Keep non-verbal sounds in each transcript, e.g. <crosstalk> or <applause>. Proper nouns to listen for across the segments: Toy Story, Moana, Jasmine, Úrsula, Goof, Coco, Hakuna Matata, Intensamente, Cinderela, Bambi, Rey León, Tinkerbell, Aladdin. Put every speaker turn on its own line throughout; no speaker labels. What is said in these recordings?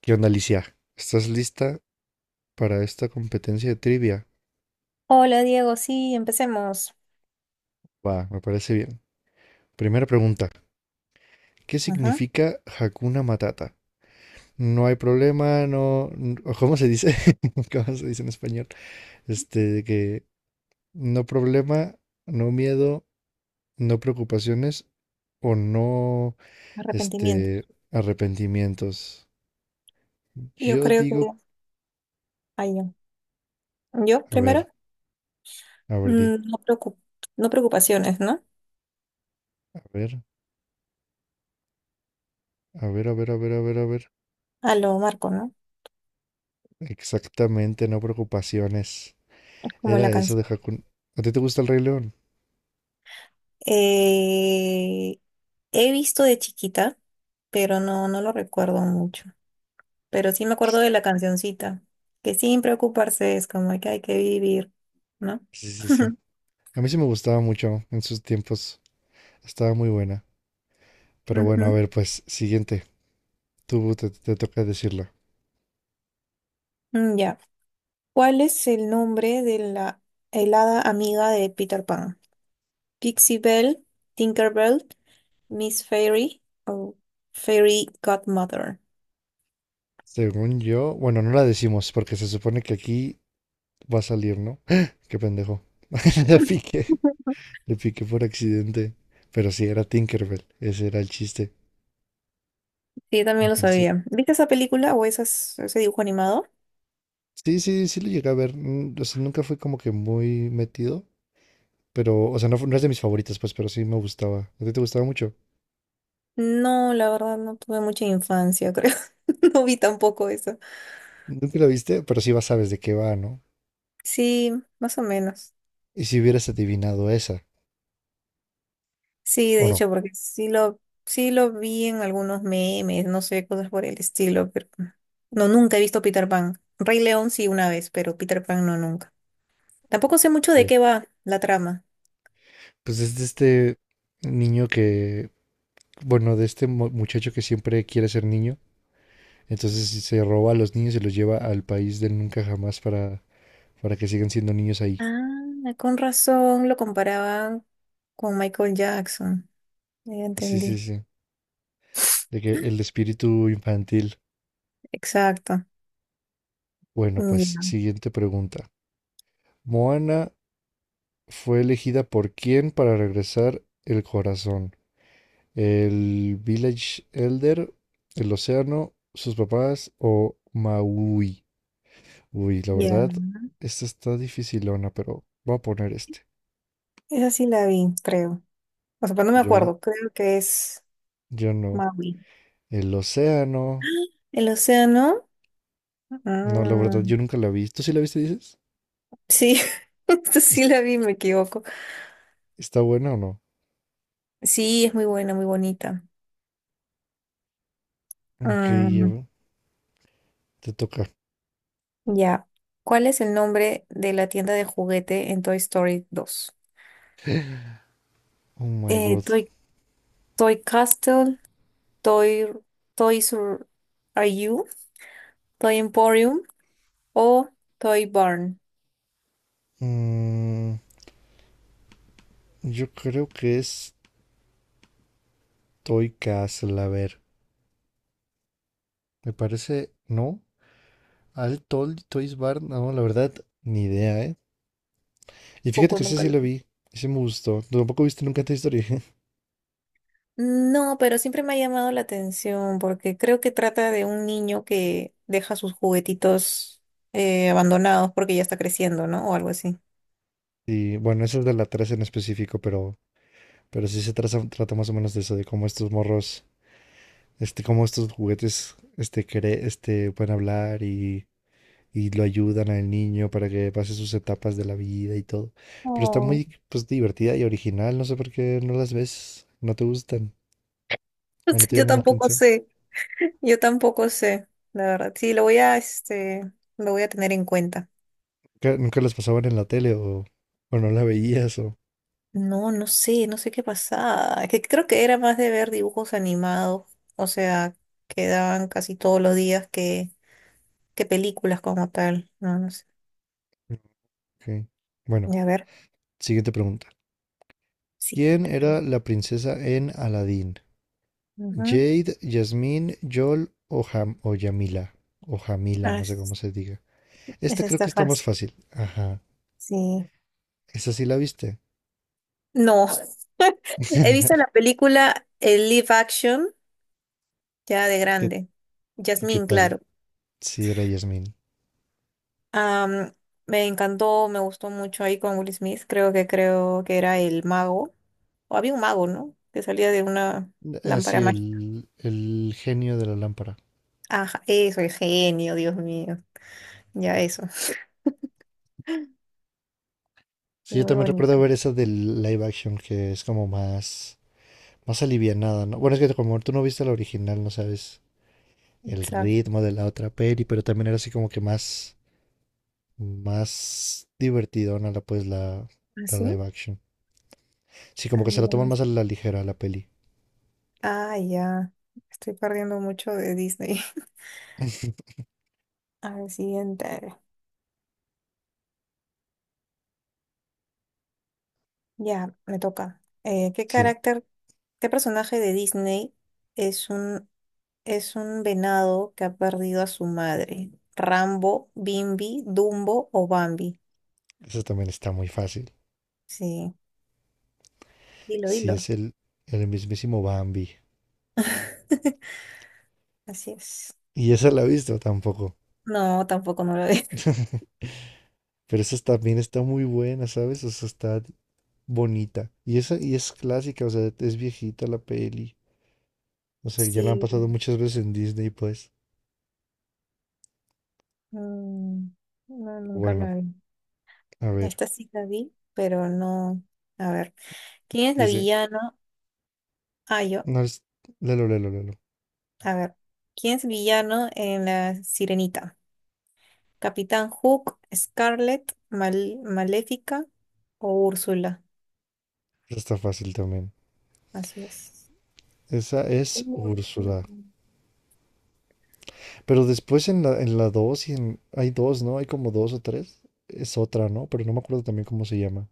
¿Qué onda, Alicia? ¿Estás lista para esta competencia de trivia?
Hola Diego, sí, empecemos.
Va, me parece bien. Primera pregunta. ¿Qué
Ajá,
significa Hakuna Matata? No hay problema, no... n- o ¿cómo se dice? <laughs> ¿Cómo se dice en español? De que no problema, no miedo, no preocupaciones o no,
arrepentimiento.
este, arrepentimientos.
Yo
Yo
creo que
digo,
ahí yo. Yo
a ver,
primero,
a ver, di,
mm, no preocu- no preocupaciones, ¿no?
a ver, a ver, a ver, a ver, a ver, a ver.
A lo Marco, ¿no?
Exactamente, no preocupaciones.
Como
Era
la
eso
canción.
de Hakuna. ¿A ti te gusta el Rey León?
Eh, he visto de chiquita, pero no, no lo recuerdo mucho. Pero sí me acuerdo de la cancioncita, que sin preocuparse es como que hay que vivir, ¿no?
Sí, sí, sí.
<laughs>
A mí sí me gustaba mucho en sus tiempos. Estaba muy buena. Pero bueno, a
Ujú.
ver, pues, siguiente. Tú te toca decirla.
Ya. ¿Cuál es el nombre de la helada amiga de Peter Pan? Pixie Belle, Tinkerbell, Miss Fairy o Fairy Godmother.
Según yo, bueno, no la decimos porque se supone que aquí va a salir, ¿no? ¡Ah! ¡Qué pendejo! <laughs> Le piqué, le piqué por accidente. Pero sí, era Tinkerbell. Ese era el chiste.
Sí, también lo
Entonces,
sabía. ¿Viste esa película o ese dibujo animado?
sí, sí, sí lo llegué a ver. O sea, nunca fui como que muy metido. Pero, o sea, no, no es de mis favoritas, pues, pero sí me gustaba. ¿A ti te gustaba mucho?
No, la verdad no tuve mucha infancia, creo. <laughs> No vi tampoco eso.
Nunca la viste, pero sí vas sabes de qué va, ¿no?
Sí, más o menos.
Y si hubieras adivinado esa,
Sí,
¿o
de
no?
hecho, porque sí lo vi en algunos memes, no sé, cosas por el estilo, pero no, nunca he visto Peter Pan. Rey León sí una vez, pero Peter Pan no nunca. Tampoco sé mucho de
Ok.
qué va la trama.
Pues es de este niño que, bueno, de este muchacho que siempre quiere ser niño, entonces se roba a los niños y los lleva al país del nunca jamás para que sigan siendo niños ahí.
Ah, con razón lo comparaban con Michael Jackson. Ya
Así, sí,
entendí.
sí. De que el espíritu infantil.
Exacto.
Bueno, pues
Ya,
siguiente pregunta. Moana fue elegida por quién para regresar el corazón. El Village Elder, El Océano, Sus Papás o Maui. Uy, la
ya.
verdad, esta está dificilona, pero voy a poner este.
Esa sí la vi, creo. O sea, pero no me
Yo,
acuerdo. Creo que es
yo no.
Maui.
El Océano.
El océano.
No, la
Ah,
verdad, yo nunca la vi. ¿Tú sí la viste, dices?
sí, <laughs> esta
¿Es-
sí la vi, me equivoco.
¿Está buena o no?
Sí, es muy buena, muy bonita.
Ok, ya
Mm,
te toca.
ya. ¿Cuál es el nombre de la tienda de juguete en Toy Story 2?
Oh my
Eh,
god.
Toy, Toy Castle, Toy, Toys R Are You, Toy Emporium o Toy Barn.
Mm, yo creo que es Toy Castle, a ver. Me parece, ¿no? Al Toys Bar, no, la verdad, ni idea, ¿eh? Y fíjate
Poco
que ese
nunca
sí
lo
lo
vi.
vi. Ese me gustó. ¿Tú tampoco viste nunca Toy Story? <laughs>
No, pero siempre me ha llamado la atención porque creo que trata de un niño que deja sus juguetitos abandonados porque ya está creciendo, ¿no? O algo así.
Y bueno, ese es de la 3 en específico, pero sí se trata más o menos de eso, de cómo estos morros, cómo estos juguetes, pueden hablar y lo ayudan al niño para que pase sus etapas de la vida y todo. Pero está
Oh,
muy, pues, divertida y original. No sé por qué no las ves, no te gustan o no
<laughs>
te
Yo
llaman la
tampoco
atención.
sé, yo tampoco sé, la verdad. Sí, lo voy a tener en cuenta.
¿Nunca las pasaban en la tele o no la veías o...
No, no sé, no sé qué pasaba. Que creo que era más de ver dibujos animados, o sea, que daban casi todos los días que películas como tal. No, no sé.
Ok. Bueno,
Y a ver,
siguiente pregunta. ¿Quién
siguiente
era
pregunta.
la princesa en Aladdin?
Ujú.
Jade, Jasmine, Yol o, Ham o Yamila. O Jamila,
Ah,
no sé cómo
es,
se diga.
es
Esta creo que
esta
está más
fácil.
fácil. Ajá.
Sí.
¿Esa sí la viste?
No, <laughs> he visto la
<laughs>
película el live action ya de
¿Y qué,
grande.
y qué
Jasmine,
tal?
claro.
Sí, era Jasmine.
Am, me encantó, me gustó mucho ahí con Will Smith. Creo que era el mago. O había un mago, ¿no? Que salía de una lámpara.
Así el genio de la lámpara.
Ajá, eso, el genio, Dios mío. Ya eso. Sí,
Sí, yo
muy
también
bonita.
recuerdo ver esa del live action que es como más alivianada, ¿no? Bueno, es que como tú no viste la original, no sabes el
Exacto.
ritmo de la otra peli, pero también era así como que más divertidona la pues la
¿Así?
live action. Sí, como
Ah,
que se la
mira,
toman más a la ligera la peli.
ah, ya. Estoy perdiendo mucho de Disney. <laughs>
<laughs>
A ver, siguiente. Ya, me toca. ¿Qué
Sí,
carácter, qué personaje de Disney es un, es un venado que ha perdido a su madre? ¿Rambo, Bimbi, Dumbo o Bambi?
eso también está muy fácil.
Sí, dilo,
Sí,
dilo.
es el mismísimo Bambi.
<laughs> Así es.
Y esa la he visto tampoco.
No, tampoco no lo es. <laughs>
<laughs> Pero esa también está muy buena, ¿sabes? O sea, está bonita. Y esa y es clásica, o sea, es viejita la peli. O sea, ya la han
Sí,
pasado muchas veces en Disney, pues.
Mm, no, nunca
Bueno,
la vi.
a ver.
Esta sí la vi, pero no. A ver, ¿quién es la
Dice,
villana? Ah, yo.
no es... Lelo, lelo, lelo.
A ver, ¿quién es villano en La Sirenita? ¿Capitán Hook, Scarlett, Maléfica o Úrsula?
Esa está fácil también.
Así es.
Esa es
Úrsula.
Úrsula. Pero después en la 2 y en, hay dos, ¿no? Hay como dos o tres. Es otra, ¿no? Pero no me acuerdo también cómo se llama.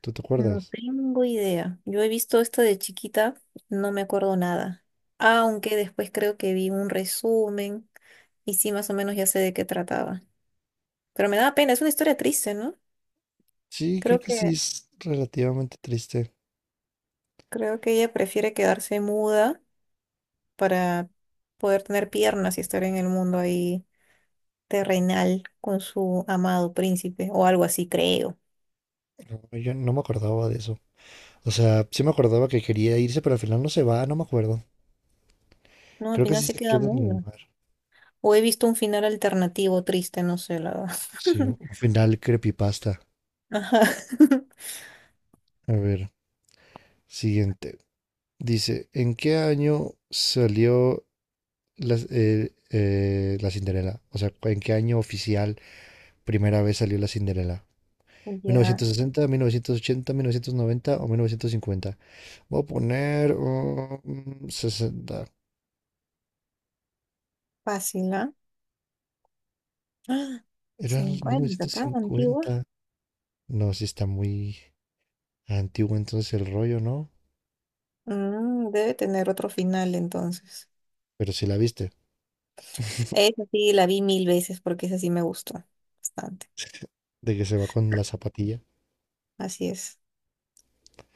¿Tú te
No
acuerdas?
tengo idea. Yo he visto esto de chiquita, no me acuerdo nada. Aunque después creo que vi un resumen y sí, más o menos ya sé de qué trataba. Pero me da pena, es una historia triste, ¿no?
Sí, creo
Creo
que sí
que,
es relativamente triste.
creo que ella prefiere quedarse muda para poder tener piernas y estar en el mundo ahí terrenal con su amado príncipe o algo así, creo.
No, yo no me acordaba de eso. O sea, sí me acordaba que quería irse, pero al final no se va, no me acuerdo.
No, al
Creo que
final
sí
se
se
queda
queda en el
muda.
mar.
O he visto un final alternativo triste, no sé, la verdad.
Sí,
<laughs>
un final creepypasta.
Ajá. <laughs>
A ver, siguiente. Dice, ¿en qué año salió la, la Cinderela? O sea, ¿en qué año oficial primera vez salió la Cinderela? Mil
Ya,
novecientos sesenta, 1980, 1990 o 1950. Voy a poner 60.
fácil, ¿ah? ¡Ah!
Era el mil
50,
novecientos
tan antigua.
cincuenta No, sí está muy antiguo entonces el rollo, ¿no?
Debe tener otro final entonces.
Pero sí la viste. <laughs>
Esa sí, la vi mil veces porque esa sí me gustó bastante.
De que se va con la zapatilla.
Así es,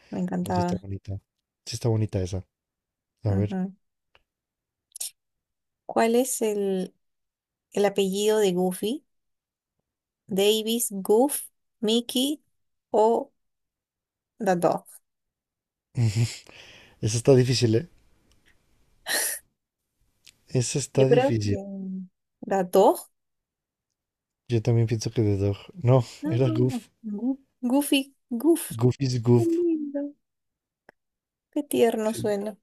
me
No, sí está
encantaba.
bonita. Sí está bonita esa. A ver.
Ajá. ¿Cuál es el apellido de Goofy? ¿Davis, Goof, Mickey o The Dog?
Esa está difícil, ¿eh? Esa está
Yo creo que
difícil.
The Dog.
Yo también pienso que The Dog. No,
No,
era
no,
Goof.
no. Goofy, Goof.
Goof is
Qué
Goof.
lindo. Qué tierno
Sí.
suena.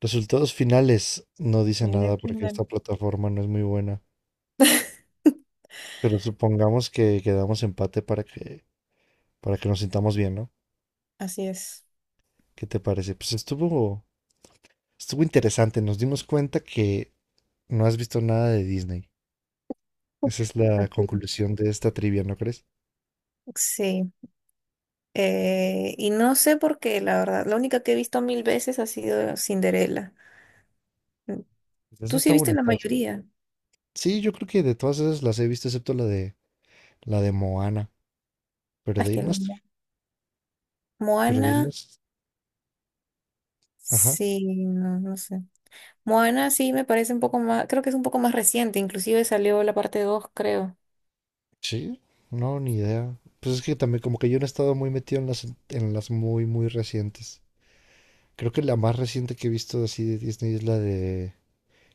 Resultados finales. No dice
Mira
nada
quién
porque
ganó.
esta plataforma no es muy buena. Pero supongamos que quedamos empate para que nos sintamos bien, ¿no?
Así es.
¿Qué te parece? Pues estuvo interesante. Nos dimos cuenta que no has visto nada de Disney. Esa es la
Así es.
conclusión de esta trivia, ¿no crees?
Sí. Y no sé por qué, la verdad. La única que he visto mil veces ha sido Cinderella. Mm,
Pues esa
¿Tú sí
está
viste la
bonita, o sea.
mayoría?
Sí, yo creo que de todas esas las he visto, excepto la de Moana.
Ah,
Pero
es
de
que la
irnos, pero de
Moana.
irnos. Ajá.
Sí, no, no sé. Moana sí me parece un poco más, creo que es un poco más reciente, inclusive salió la parte dos, creo.
Sí, no, ni idea. Pues es que también como que yo no he estado muy metido en las muy, muy recientes. Creo que la más reciente que he visto así de Disney es la de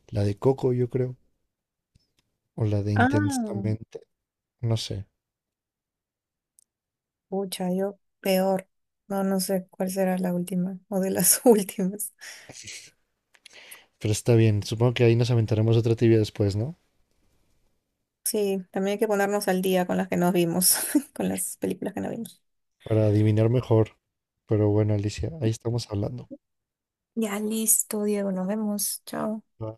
La de Coco, yo creo. O la de
Ah,
Intensamente. No sé.
pucha, yo peor. No, no sé cuál será la última o de las <laughs> últimas.
Pero está bien. Supongo que ahí nos aventaremos otra tibia después, ¿no?
Sí, también hay que ponernos al día con las que nos vimos, <laughs> con las películas que no vimos.
Para adivinar mejor. Pero bueno, Alicia, ahí estamos hablando.
Ya listo, Diego, nos vemos. Chao.
Bye.